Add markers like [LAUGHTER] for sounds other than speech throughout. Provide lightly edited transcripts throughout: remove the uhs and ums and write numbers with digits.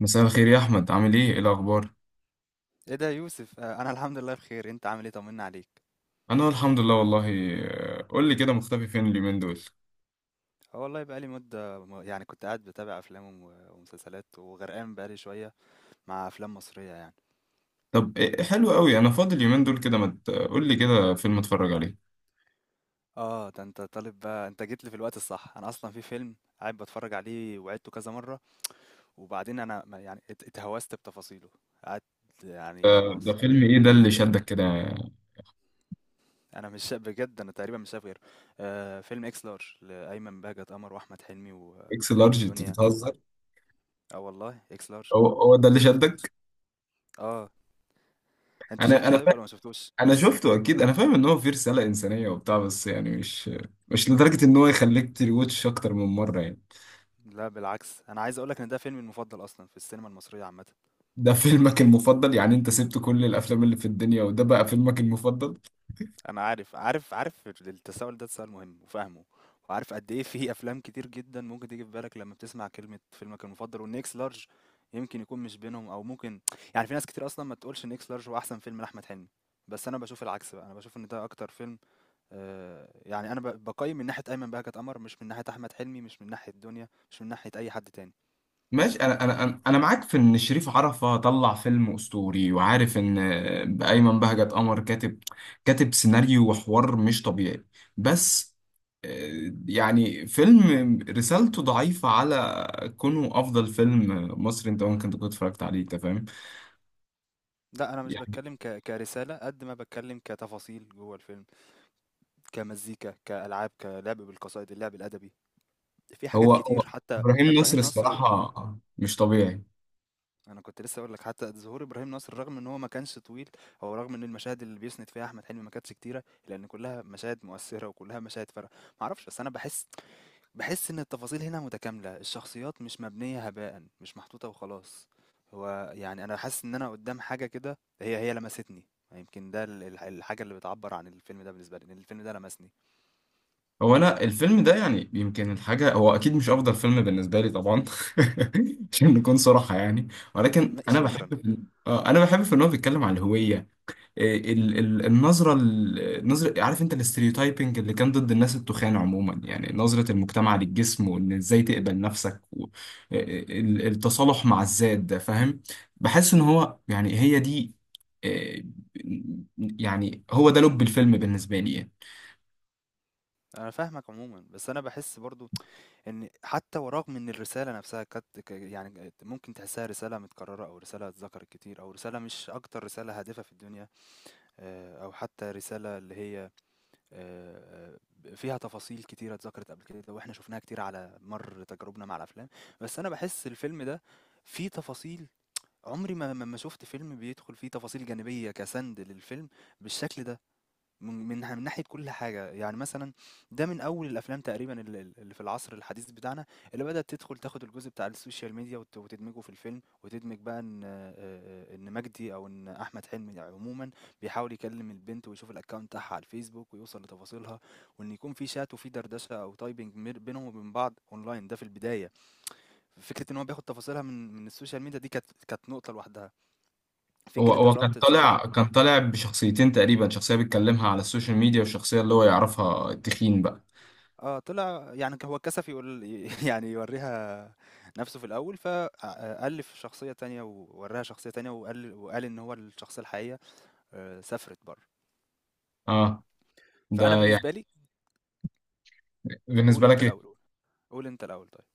مساء الخير يا احمد، عامل ايه؟ الاخبار؟ ايه ده يا يوسف، انا الحمد لله بخير، انت عامل ايه، طمنا عليك. انا الحمد لله والله. قول لي كده، مختفي فين اليومين دول؟ اه والله بقالي مدة يعني كنت قاعد بتابع افلام ومسلسلات وغرقان بقالي شوية مع افلام مصرية يعني. طب إيه إيه، حلو قوي، انا فاضي اليومين دول كده ما مت... قول لي كده فيلم اتفرج عليه. اه ده انت طالب بقى، انت جيت لي في الوقت الصح، انا اصلا في فيلم قاعد بتفرج عليه وعدته كذا مرة، وبعدين انا يعني اتهوست بتفاصيله، قعدت، يعني ده خلاص بقيت. فيلم ايه ده مش اللي شدك كده؟ انا مش شا- بجد انا تقريبا مش شايف غيره. آه، فيلم اكس لارج لايمن بهجت قمر واحمد حلمي اكس لارج؟ انت ودنيا. بتهزر! اه والله اكس لارج. هو هو ده اللي شفت. شدك؟ اه. أنت انا شُفته انا طيب فا... والّا ما شُفتوش؟ انا شفته اكيد، انا فاهم ان هو فيه رسالة انسانية وبتاع، بس يعني مش لدرجة ان هو يخليك تريوتش اكتر من مرة يعني. لا بالعكس، أنا عايز أقول لك إن ده فيلمي المفضل أصلًا في السينما المصرية عامةً. ده فيلمك المفضل؟ يعني انت سبت كل الافلام اللي في الدنيا وده بقى فيلمك المفضل؟ أنا عارف، عارف التساؤل ده تساؤل مهم وفاهمه، وعارف قد إيه في أفلام كتير جدًا ممكن تيجي في بالك لمّا بتسمع كلمة فيلمك المفضل، وإن X Large يمكن يكون مش بينهم أو ممكن، يعني في ناس كتير أصلًا ما تقولش إن X Large هو أحسن فيلم لأحمد حلمي، بس أنا باشوف العكس بقى، أنا باشوف إن ده أكتر فيلم. يعني أنا باقيّم من ناحية أيمن بهجت قمر، مش من ناحية أحمد حلمي، مش من ناحية دنيا، مش من ناحية أي حد تاني. ماشي، انا انا انا أنا معاك في ان شريف عرفة طلع فيلم اسطوري، وعارف ان ايمن بهجت قمر كاتب سيناريو وحوار مش طبيعي. بس يعني فيلم رسالته ضعيفة على كونه افضل فيلم مصري انت ممكن تكون اتفرجت عليه، انت فاهم لأ، أنا مش يعني. باتكلّم كرسالة قد ما باتكلّم كتفاصيل جوّه الفيلم، كمزيكا، كألعاب، كلعب بالقصائد، اللعب الأدبي، في حاجات هو هو كتير، حتى ابراهيم نصر إبراهيم نصر. الصراحة مش طبيعي. أنا كنت لسّه هاقول لك حتى ظهور إبراهيم نصر رغم إن هو ما كانش طويل، أو رغم إن المشاهد اللي بيسند فيها أحمد حلمي ما كانتش كتيرة، لإن كلّها مشاهد مؤثّرة وكلّها مشاهد فارقة، ما أعرفش، بس أنا باحس، بحس إن التفاصيل هنا متكاملة، الشخصيات مش مبنية هباء، مش محطوطة وخلاص. هو يعني أنا حاسس إن أنا قدام حاجة كده هي لمستني، يمكن ده الحاجة اللي بتعبر عن الفيلم ده بالنسبة لي، إن الفيلم ده لمسني. هو انا الفيلم ده يعني يمكن الحاجه، هو اكيد مش افضل فيلم بالنسبه لي طبعا. [LAUGHS] عشان نكون صراحه يعني. ولكن انا شكرا. بحب في... آه، انا بحب في ان هو بيتكلم عن الهويه. إيه النظره، النظره، عارف انت، الاستريوتايبنج اللي كان ضد الناس التخان عموما، يعني نظره المجتمع للجسم، وان ازاي تقبل نفسك و... إيه التصالح مع الذات، ده فاهم. بحس ان هو يعني هي دي، إيه، يعني هو ده لب الفيلم بالنسبه لي يعني. أنا فاهمك عموما، بس أنا بحس برضو إن حتى ورغم إن الرسالة نفسها كانت يعني ممكن تحسها رسالة متكررة أو رسالة اتذكرت كتير أو رسالة مش أكتر رسالة هادفة في الدنيا، أو حتى رسالة اللي هي، آه، فيها تفاصيل كتيرة اتذكرت قبل كده واحنا شفناها كتير على مر تجاربنا مع الافلام. بس انا بحس الفيلم ده فيه تفاصيل، عمري ما شفت فيلم بيدخل فيه تفاصيل جانبية كسند للفيلم بالشكل ده، من ناحية كل حاجة، يعني مثلا ده من أول الأفلام تقريبا اللي في العصر الحديث بتاعنا، اللي بدأت تدخل تاخد الجزء بتاع السوشيال ميديا وتدمجه في الفيلم، وتدمج بقى إن، إن مجدي أو إن أحمد حلمي عموما بيحاول يكلم البنت ويشوف الأكونت بتاعها على الفيسبوك ويوصل لتفاصيلها، وإن يكون في شات وفي دردشة أو تايبنج بينهم وبين بعض أونلاين، ده في البداية. فكرة إن هو بياخد تفاصيلها من السوشيال ميديا دي كانت، نقطة لوحدها، هو فكرة هو الربط الثقافي. كان طالع بشخصيتين تقريبا، شخصية بيتكلمها على السوشيال ميديا والشخصية اللي هو يعرفها التخين بقى. طلع يعني هو اتكسف يقول [LAUGHS] يعني يورّيها نَفْسه في الأول، ف ألِّف شخصية تانية ووراّها شخصية تانية، وقال إن هو الشخصية الحقيقية سافرت برّه. اه ده فأنا يعني. بالنسبة لي، قُل بالنسبة أنت لك. الأول، قُل أنت الأول طيب.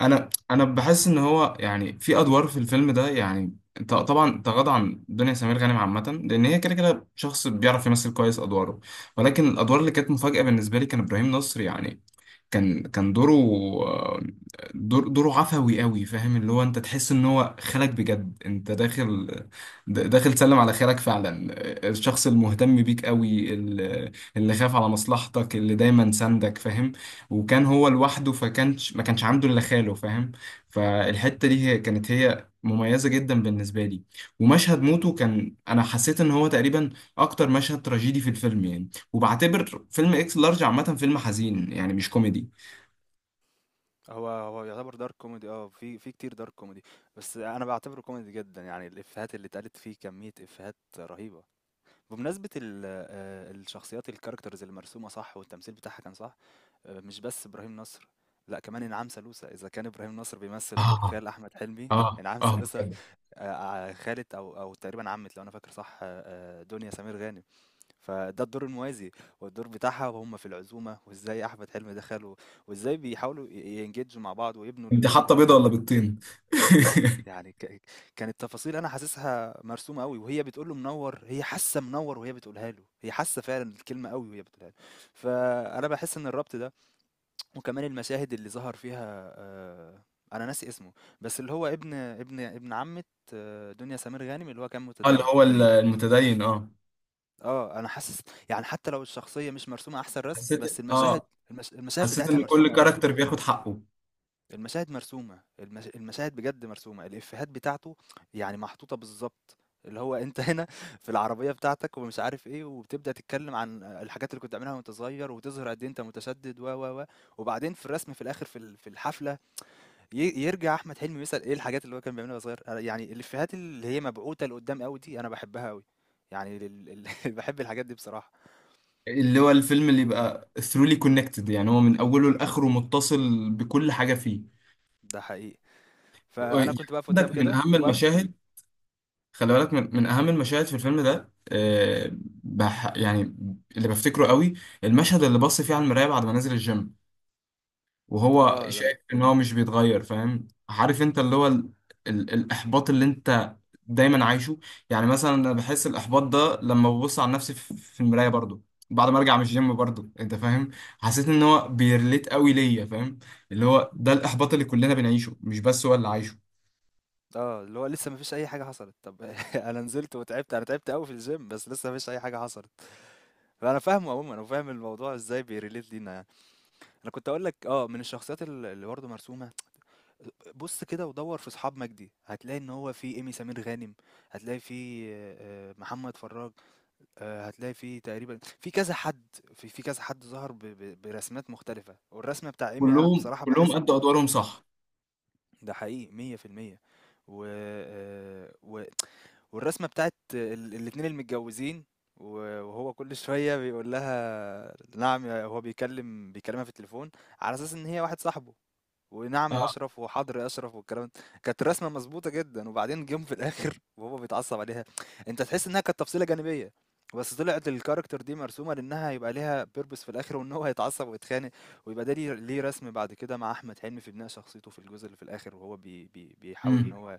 انا بحس ان هو يعني في ادوار في الفيلم ده يعني طبعا تغاضى عن دنيا سمير غانم عامه، لان هي كده كده شخص بيعرف يمثل كويس ادواره، ولكن الادوار اللي كانت مفاجاه بالنسبه لي كان ابراهيم نصر يعني. كان دوره، دوره عفوي قوي، فاهم، اللي هو انت تحس ان هو خالك بجد، انت داخل، داخل سلم على خالك فعلا. الشخص المهتم بيك قوي، اللي خاف على مصلحتك، اللي دايما ساندك، فاهم. وكان هو لوحده، فكانش ما كانش عنده الا خاله، فاهم. فالحته دي هي كانت هي مميزه جدا بالنسبه لي. ومشهد موته كان، انا حسيت ان هو تقريبا اكتر مشهد تراجيدي في الفيلم يعني. وبعتبر فيلم اكس لارج عامه فيلم حزين يعني، مش كوميدي. هو يعتبر dark comedy، في كتير dark comedy، بس أنا باعتبره comedy جدًا، يعني الإفيهات اللي اتقالت فيه كمية إفيهات رهيبة. بمناسبة ال الشخصيات الcharacters اللي مرسومة صح والتمثيل بتاعها كان صح، مش بس إبراهيم نصر، لأ كمان إنعام سالوسة، إذا كان إبراهيم نصر بيمثّل دور اه، خال أحمد حلمي، اه، إنعام اه سالوسة بجد. آآ ع خالة أو تقريبًا عمّة لو أنا فاكر صح، دنيا سمير غانم، فده الدور الموازي، والدور بتاعها وهُم في العزومة، وإزاي أحمد حلمي ده خاله، وإزاي بيحاولوا يengage مع بعض ويبنوا انت ال ال حاطه ال بيضه ولا ال بيضتين؟ [LAUGHS] يعني كانت تفاصيل أنا حاسسها مرسومة أوي، وهي بتقول له منوّر، هي حاسة منوّر وهي بتقولها له، هي حاسة فعلًا الكلمة أوي وهي بتقولها له، فأنا باحس إن الربط ده، وكمان المشاهد اللي ظهر فيها، أنا ناسي اسمه، بس اللي هو ابن عمة دنيا سمير غانم، اللي هو كان اه اللي متدين. هو المتدين، اه. اه، أنا حاسس يعني حتى لو الشخصية مش مرسومة أحسن رسم، حسيت، بس المشاهد اه، المشاهد حسيت بتاعتها ان كل مرسومة قوي، كاركتر بياخد حقه. المشاهد مرسومة المشاهد بجد مرسومة، الإفيهات بتاعته يعني محطوطة بالظبط، اللي هو انت هنا في العربية بتاعتك ومش عارف ايه، وبتبدأ تتكلم عن الحاجات اللي كنت عاملها وانت صغير، وتظهر قد ايه انت متشدد و وبعدين في الرسم في الاخر في في الحفلة، يرجع احمد حلمي يسأل ايه الحاجات اللي هو كان بيعملها وهو صغير، يعني الافيهات اللي هي مبعوثة لقدام قوي دي انا بحبها قوي، يعني [LAUGHS] بحب الحاجات دي بصراحة. اللي هو الفيلم اللي يبقى ثرولي كونكتد، يعني هو من اوله لاخره متصل بكل حاجه فيه. ده حقيقي، فانا يعني كنت بقف قدام عندك من كده اهم وبقف. المشاهد، خلي بالك من، من اهم المشاهد في الفيلم ده، يعني اللي بفتكره قوي، المشهد اللي بص فيه على المرايه بعد ما نزل الجيم وهو اه لم... شايف ان هو مش بيتغير، فاهم؟ عارف انت اللي هو ال ال الاحباط اللي انت دايما عايشه. يعني مثلا انا بحس الاحباط ده لما ببص على نفسي في في المرايه برضو، بعد ما ارجع من الجيم برضو، انت فاهم. حسيت ان هو بيرليت قوي ليا، فاهم، اللي هو ده الاحباط اللي كلنا بنعيشه، مش بس هو اللي عايشه. اه اللي هو لسه ما فيش اي حاجة حصلت، طب [LAUGHS] انا نزلت وتعبت، انا تعبت قوي في الجيم، بس لسه ما فيش اي حاجة حصلت. فانا فاهمه عموما، انا فاهم الموضوع ازاي بيريليت لينا يعني. انا كنت اقول لك اه من الشخصيات اللي برضه مرسومة، بص كده ودور في اصحاب مجدي هتلاقي ان هو في ايمي سمير غانم، هتلاقي في محمد فراج، هتلاقي في تقريبًا في كذا حد، في كذا حد ظهر ب برسمات مختلفة، والرسمة بتاع إيمي أنا كلهم بصراحة كلهم باحس ادوا ادوارهم صح. ده حقيقي 100%. و والرسمة بتاعة الاتنين المتجوزين، و وهو كل شوية بيقول لها نعم يا هو، بيكلمها في التليفون على أساس إن هي واحد صاحبه. ونعم يا اه. اشرف وحاضر يا اشرف والكلام ده. كانت الرسمه مظبوطه جدا، وبعدين جيم في الاخر [LAUGHS] وهو بيتعصب عليها، انت تحس انها كانت تفصيله جانبيه، بس طلعت الكاركتر دي مرسومه لانها يبقى ليها بيربس في الاخر وان هو هيتعصب ويتخانق، ويبقى ده ليه رسم بعد كده مع احمد حلمي في بناء شخصيته في الجزء اللي في الاخر، وهو بي بي بيحاول ان امم هو،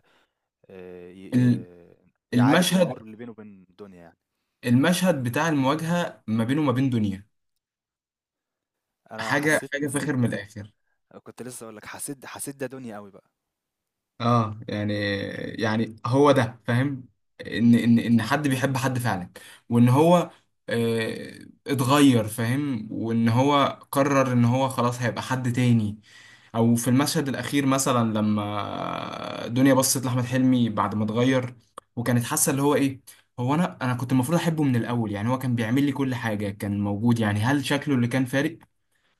آه، ي- ال- ي- يعالج الامور المشهد، اللي بينه وبين الدنيا يعني. المشهد بتاع المواجهه ما بينه وما بين دنيا، انا حسيت، حاجه فاخر من الاخر. كنت لسه اقول لك، حسيت ده دنيا قوي بقى. اه يعني، يعني هو ده فاهم، ان ان دي ان حد بيحب حد فعلا، وان هو، آه، اتغير، فاهم، وان هو قرر ان هو خلاص هيبقى حد تاني. او في المشهد الاخير مثلا لما دنيا بصت لاحمد حلمي بعد ما اتغير، وكانت حاسه اللي هو ايه، هو انا كنت المفروض احبه من الاول، يعني هو كان بيعمل لي كل حاجه، كان موجود، يعني هل شكله اللي كان فارق؟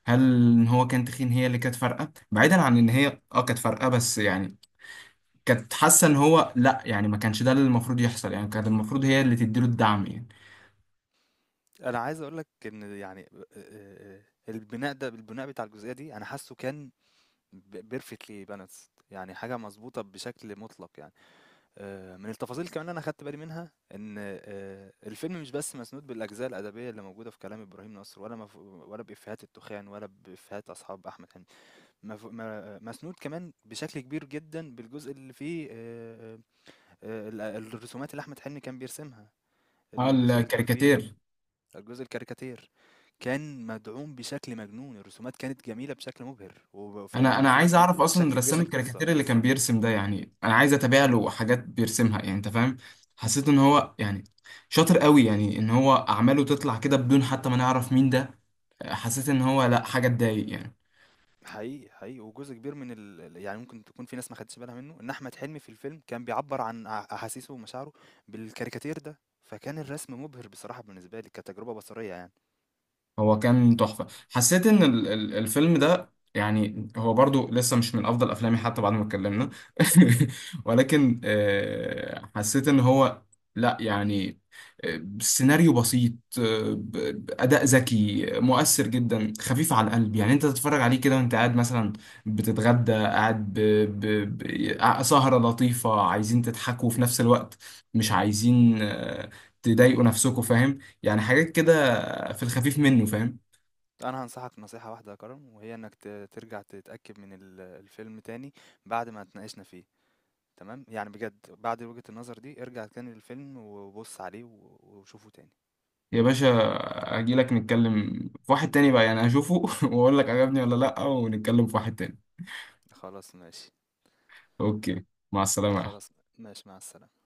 هل ان هو كان تخين هي اللي كانت فارقه، بعيدا عن ان هي اه كانت فارقه، بس يعني كانت حاسه ان هو لا، يعني ما كانش ده اللي المفروض يحصل، يعني كانت المفروض هي اللي تديله الدعم يعني. أنا عايز أقول لك إن يعني، آآ البناء ده، البناء بتاع الجزئية دي أنا حاسّه كان ب perfectly balanced، يعني حاجة مضبوطة بشكل مُطلق يعني. من التفاصيل كمان اللي أنا خدت بالي منها إن الفيلم مش بس مسنود بالأجزاء الأدبية اللي موجودة في كلام إبراهيم نصر، ولا ولا بإفيهات التخان ولا بإفيهات أصحاب أحمد حلمي، ما مسنود كمان بشكل كبير جدًا بالجزء اللي فيه الرسومات اللي أحمد حلمي كان بيرسمها، اه الجزء اللي كان فيه، الكاريكاتير. الجزء الكاريكاتير، كان مدعوم بشكل مجنون، الرسومات كانت جميلة بشكل مبهر وفيها انا بناء عايز اعرف اصلا بشكل كبير رسام للقصة. الكاريكاتير اللي كان بيرسم ده، يعني انا عايز اتابع له حاجات بيرسمها، يعني انت فاهم. حسيت ان هو يعني شاطر قوي، يعني ان هو اعماله تطلع كده بدون حتى ما نعرف مين ده. حسيت ان هو لا، حاجه تضايق يعني. حقيقي حقيقي، وجزء كبير من يعني ممكن تكون في ناس ما خدتش بالها منه ان احمد حلمي في الفيلم كان بيعبر عن احاسيسه ومشاعره بالكاريكاتير ده، فكان الرسم مبهر بصراحة بالنسبة لي كتجربة بصرية يعني. هو كان تحفة. حسيت ان الفيلم ده، يعني هو برضو لسه مش من افضل افلامي حتى بعد ما اتكلمنا. [LAUGHS] ولكن حسيت ان هو لا يعني، سيناريو بسيط، آه، ب- اداء ذكي، مؤثر جدا، خفيف على القلب، يعني انت تتفرج عليه كده وانت قاعد مثلا بتتغدى، قاعد ب... ب... سهرة لطيفة عايزين تضحكوا في نفس الوقت، مش عايزين تضايقوا نفسكوا، فاهم يعني، حاجات كده في الخفيف منه، فاهم. انا هنصحك نصيحة واحدة يا كرم، وهي انك ترجع تتأكد من الفيلم تاني بعد ما اتناقشنا فيه، تمام يعني، بجد بعد وجهة النظر دي ارجع تاني للفيلم وبص عليه وشوفه تاني. يا باشا، هجي لك نتكلم في واحد تاني بقى، يعني اشوفه [LAUGHS] واقول لك عجبني ولا لا، ونتكلم في واحد تاني. خلاص ماشي. اوكي، مع السلامة يا خلاص أحمد. ماشي، مع السلامة.